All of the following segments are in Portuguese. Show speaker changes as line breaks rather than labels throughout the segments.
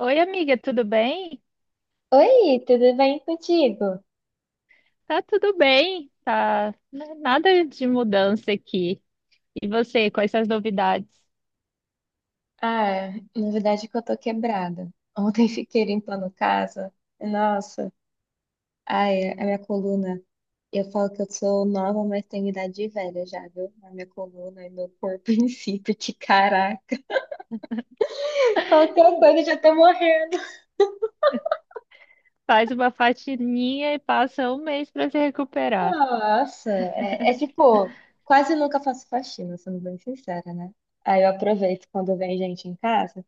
Oi, amiga, tudo bem?
Oi, tudo bem contigo?
Tá tudo bem, tá n- nada de mudança aqui. E você, quais são as novidades?
Ah, na verdade é que eu tô quebrada. Ontem fiquei limpando casa. Nossa, ai, a minha coluna. Eu falo que eu sou nova, mas tenho idade de velha já, viu? A minha coluna e meu corpo em si, porque caraca, qualquer coisa eu já tô morrendo.
Faz uma faxininha e passa um mês para se recuperar.
Nossa, é, tipo, quase nunca faço faxina, sendo bem sincera, né? Aí eu aproveito quando vem gente em casa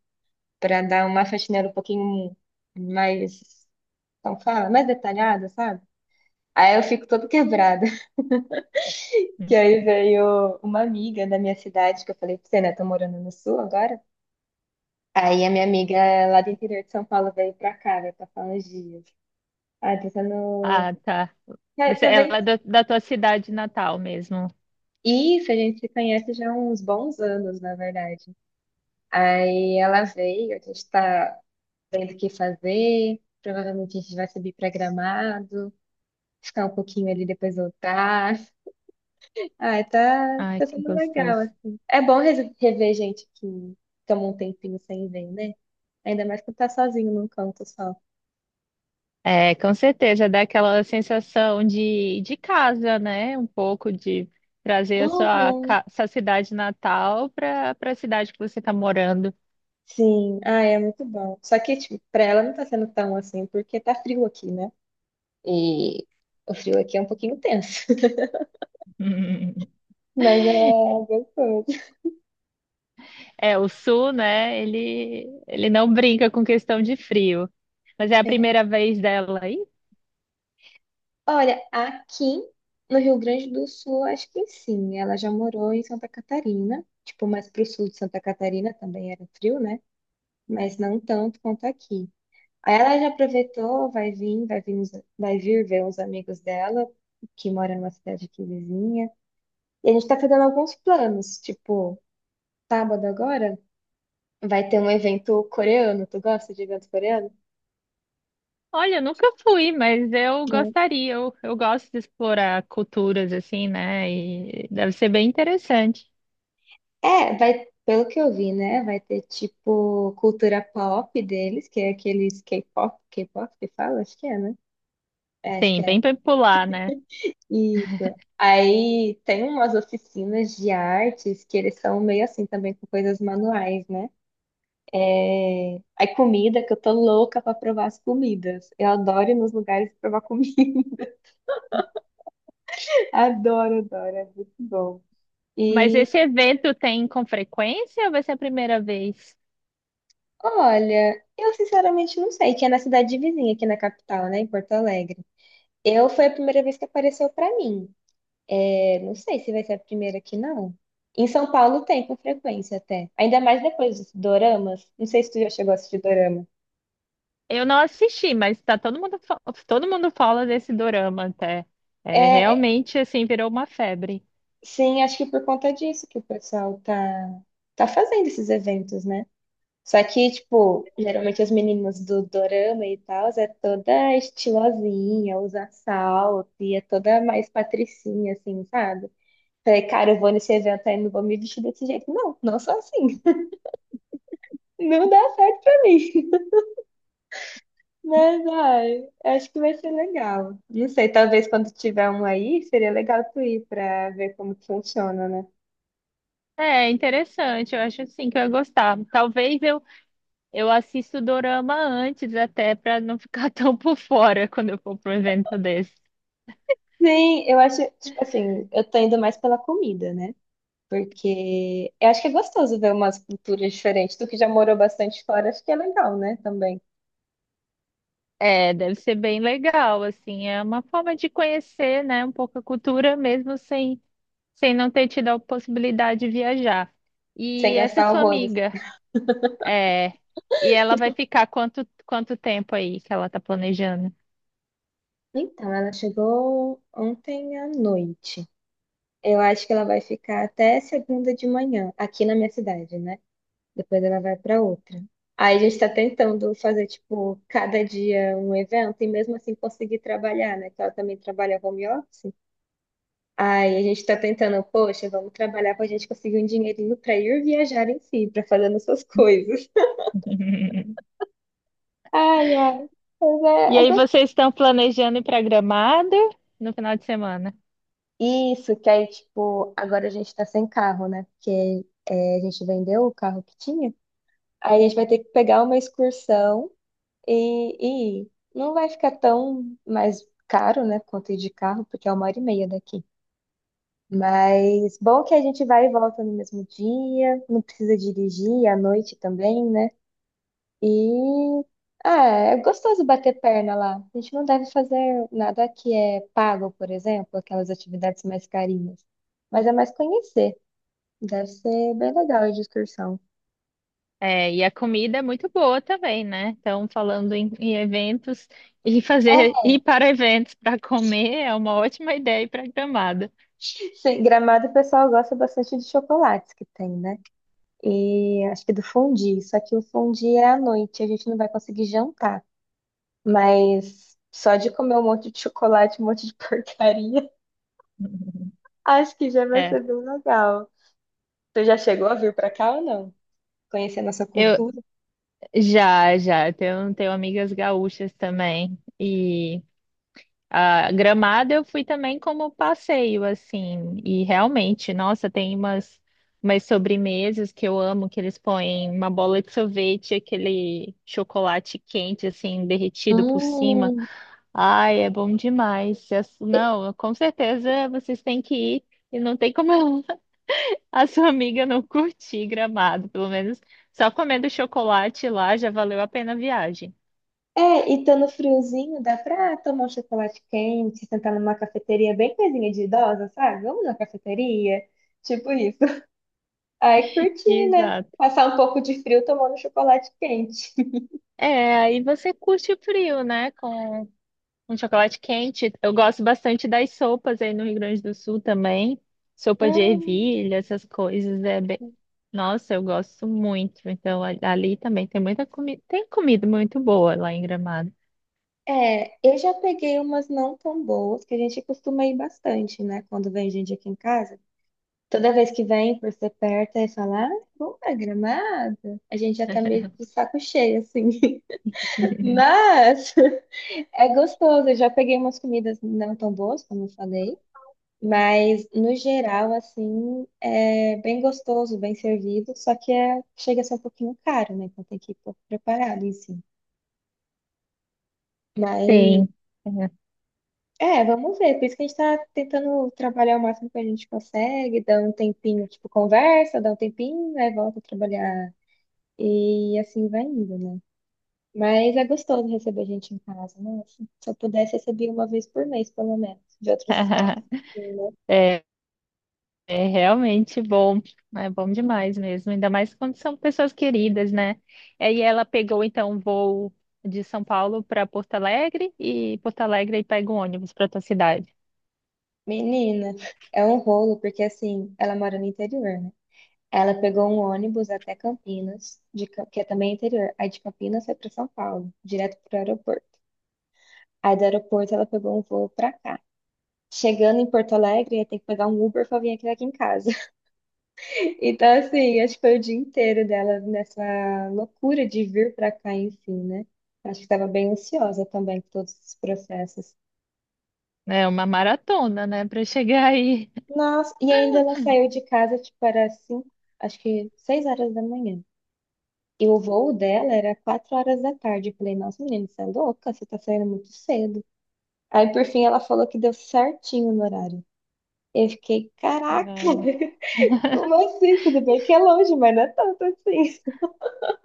pra dar uma faxineira um pouquinho mais. Então, fala mais detalhada, sabe? Aí eu fico toda quebrada. Que aí veio uma amiga da minha cidade, que eu falei pra você, né? Tô morando no sul agora. Aí a minha amiga lá do interior de São Paulo veio pra cá, veio passar uns dias. Ah, tá no.
Ah, tá.
É,
Você,
tá bem-
ela é da, da tua cidade natal mesmo.
Isso, a gente se conhece já há uns bons anos, na verdade. Aí ela veio, a gente tá vendo o que fazer. Provavelmente a gente vai subir pra Gramado, ficar um pouquinho ali, depois voltar. Ah, tá,
Ai,
tá
que
sendo legal,
gostoso.
assim. É bom rever gente que toma um tempinho sem ver, né? Ainda mais quando tá sozinho num canto só.
É, com certeza, dá aquela sensação de casa, né? Um pouco de trazer a sua,
Uhum.
ca- sua cidade natal para para a cidade que você está morando.
Sim, ah, é muito bom. Só que, tipo, pra ela não tá sendo tão assim, porque tá frio aqui, né? E o frio aqui é um pouquinho tenso. Mas é gostoso.
É, o sul, né? Ele não brinca com questão de frio. Mas é a
É.
primeira vez dela aí?
Olha, aqui no Rio Grande do Sul, acho que sim. Ela já morou em Santa Catarina, tipo, mais pro sul de Santa Catarina também era frio, né? Mas não tanto quanto aqui. Aí Ela já aproveitou, vai vir, uns- vai vir ver uns amigos dela, que moram numa cidade aqui vizinha. E a gente tá fazendo alguns planos, tipo, sábado agora vai ter um evento coreano. Tu gosta de evento coreano?
Olha, eu nunca fui, mas eu
Sim.
gostaria. Eu gosto de explorar culturas assim, né? E deve ser bem interessante.
É, vai, pelo que eu vi, né? Vai ter tipo cultura pop deles, que é aqueles K-pop, K-pop que fala, acho que é, né? É, acho que
Sim,
é.
bem popular, né?
Isso. Aí tem umas oficinas de artes que eles são meio assim também com coisas manuais, né? É, aí comida, que eu tô louca pra provar as comidas. Eu adoro ir nos lugares provar comida. Adoro, adoro, é muito bom.
Mas
E
esse evento tem com frequência ou vai ser a primeira vez?
olha, eu sinceramente não sei, que é na cidade vizinha, aqui na capital, né, em Porto Alegre. Eu foi a primeira vez que apareceu pra mim. É, não sei se vai ser a primeira aqui, não. Em São Paulo tem com frequência até. Ainda mais depois dos doramas. Não sei se tu já chegou a assistir dorama.
Eu não assisti, mas tá todo mundo, fa- todo mundo fala desse dorama até. É,
É,
realmente, assim, virou uma febre.
sim, acho que por conta disso que o pessoal tá fazendo esses eventos, né? Só que, tipo, geralmente as meninas do dorama e tal, é toda estilosinha, usa salto e é toda mais patricinha, assim, sabe? Falei, cara, eu vou nesse evento aí, não vou me vestir desse jeito. Não, não sou assim. Não dá certo pra mim. Mas, ai, acho que vai ser legal. Não sei, talvez quando tiver um aí, seria legal tu ir pra ver como que funciona, né?
É interessante, eu acho assim que eu ia gostar. Talvez eu assista o dorama antes, até para não ficar tão por fora quando eu for para um evento desse.
Sim, eu acho, tipo assim, eu tô indo mais pela comida, né? Porque eu acho que é gostoso ver umas culturas diferentes. Tu que já morou bastante fora, acho que é legal, né? Também.
É, deve ser bem legal, assim, é uma forma de conhecer, né, um pouco a cultura mesmo sem, sem não ter tido a possibilidade de viajar.
Sem
E essa
gastar
sua
horrores.
amiga, é, e ela vai ficar quanto, quanto tempo aí que ela tá planejando?
Então, ela chegou ontem à noite. Eu acho que ela vai ficar até segunda de manhã, aqui na minha cidade, né? Depois ela vai para outra. Aí a gente está tentando fazer, tipo, cada dia um evento e mesmo assim conseguir trabalhar, né? Que ela também trabalha home office. Aí a gente está tentando, poxa, vamos trabalhar para a gente conseguir um dinheirinho para ir viajar em si, para fazer nossas coisas. Ai, ai. Mas
E
é
aí
gostoso.
vocês estão planejando ir para Gramado no final de semana?
Isso, que aí, tipo, agora a gente tá sem carro, né? Porque é, a gente vendeu o carro que tinha. Aí a gente vai ter que pegar uma excursão e ir. Não vai ficar tão mais caro, né? Quanto ir de carro, porque é uma hora e meia daqui. Mas bom que a gente vai e volta no mesmo dia, não precisa dirigir à noite também, né? E ah, é gostoso bater perna lá. A gente não deve fazer nada que é pago, por exemplo, aquelas atividades mais carinhas. Mas é mais conhecer. Deve ser bem legal a excursão.
É, e a comida é muito boa também, né? Então, falando em, em eventos, e
É,
fazer ir para eventos para comer é uma ótima ideia para Gramado.
sim, Gramado o pessoal gosta bastante de chocolates que tem, né? E acho que do fondue. Só que o fondue é à noite, a gente não vai conseguir jantar. Mas só de comer um monte de chocolate, um monte de porcaria, acho que já vai
É,
ser bem legal. Você já chegou a vir pra cá ou não, conhecer a nossa
eu
cultura?
já, já, tenho, tenho amigas gaúchas também. E a Gramado eu fui também como passeio, assim. E realmente, nossa, tem umas, umas sobremesas que eu amo, que eles põem uma bola de sorvete, aquele chocolate quente, assim, derretido por cima.
Hum,
Ai, é bom demais. As-
E-
Não, com certeza vocês têm que ir. E não tem como eu- a sua amiga não curtir Gramado, pelo menos só comendo chocolate lá já valeu a pena a viagem.
É, e tá no friozinho, dá pra tomar um chocolate quente, sentar numa cafeteria bem coisinha de idosa, sabe? Vamos na cafeteria, tipo isso. Aí curtir, né?
Exato.
Passar um pouco de frio tomando chocolate quente.
É, aí você curte o frio, né? Com um chocolate quente. Eu gosto bastante das sopas aí no Rio Grande do Sul também. Sopa de
Hum,
ervilha, essas coisas. É bem... Nossa, eu gosto muito. Então, a- ali também tem muita comida. Tem comida muito boa lá em Gramado.
é, eu já peguei umas não tão boas, que a gente costuma ir bastante, né? Quando vem gente aqui em casa. Toda vez que vem, por ser perto, aí fala, ah, vamos pra Gramado? A gente já tá meio de saco cheio, assim. Mas é gostoso. Eu já peguei umas comidas não tão boas, como eu falei. Mas, no geral, assim, é bem gostoso, bem servido. Só que é, chega a ser um pouquinho caro, né? Então tem que ir um pouco preparado em si. Mas,
Sim.
é, vamos ver. Por isso que a gente tá tentando trabalhar o máximo que a gente consegue. Dá um tempinho, tipo, conversa, dá um tempinho, aí volta a trabalhar. E assim vai indo, né? Mas é gostoso receber gente em casa, né? Se eu pudesse, receber uma vez por mês, pelo menos, de outros estados, assim, né?
É, é realmente bom, é bom demais mesmo, ainda mais quando são pessoas queridas, né? Aí ela pegou então um voo de São Paulo para Porto Alegre e Porto Alegre aí pega um ônibus para tua cidade.
Menina, é um rolo, porque assim, ela mora no interior, né? Ela pegou um ônibus até Campinas, que é também interior. Aí de Campinas foi para São Paulo, direto para o aeroporto. Aí do aeroporto ela pegou um voo para cá. Chegando em Porto Alegre, ia ter que pegar um Uber para vir aqui em casa. Então, assim, acho que foi o dia inteiro dela nessa loucura de vir pra cá em si, né? Acho que estava bem ansiosa também com todos esses processos.
É uma maratona, né, para chegar aí.
Nossa, e ainda ela saiu de casa, tipo, era cinco, acho que 6h da manhã. E o voo dela era 4h da tarde. Eu falei, nossa, menina, você é louca? Você tá saindo muito cedo. Aí, por fim, ela falou que deu certinho no horário. Eu fiquei, caraca,
Caramba.
como assim? Tudo bem que é longe, mas não é tanto assim.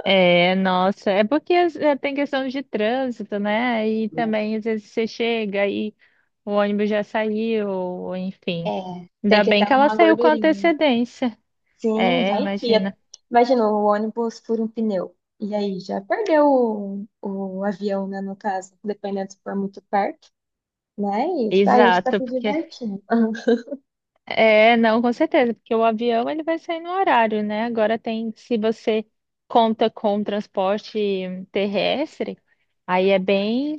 É, nossa, é porque é, tem questão de trânsito, né? E também às vezes você chega e o ônibus já saiu, enfim.
É, tem
Ainda
que
bem
ter
que ela
uma
saiu com
gordurinha.
antecedência.
Sim,
É,
vai que. É.
imagina.
Imagina o ônibus fura um pneu. E aí já perdeu o avião, né, no caso, dependendo se for muito perto. Mas tá, a gente tá
Exato,
se
porque
divertindo.
é, não, com certeza, porque o avião ele vai sair no horário, né? Agora tem, se você conta com transporte terrestre, aí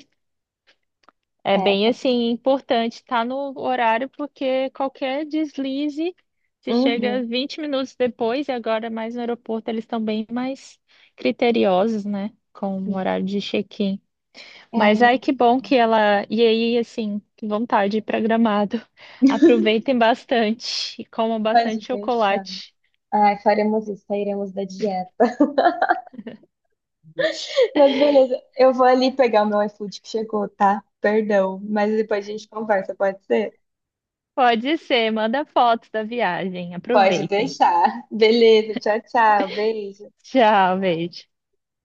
é
É,
bem assim importante estar no horário, porque qualquer deslize, se chega
uhum.
20 minutos depois e agora mais no aeroporto, eles estão bem mais criteriosos, né? Com o horário de check-in.
É,
Mas ai,
né?
que bom que ela. E aí, assim, que vontade de ir pra Gramado. Aproveitem bastante e comam
Pode
bastante
deixar.
chocolate.
Ai, faremos isso, sairemos da dieta. Mas beleza, eu vou ali pegar o meu iFood que chegou, tá? Perdão, mas depois a gente conversa, pode ser?
Pode ser, manda fotos da viagem.
Pode
Aproveitem.
deixar. Beleza, tchau, tchau. Beijo.
Tchau, beijo.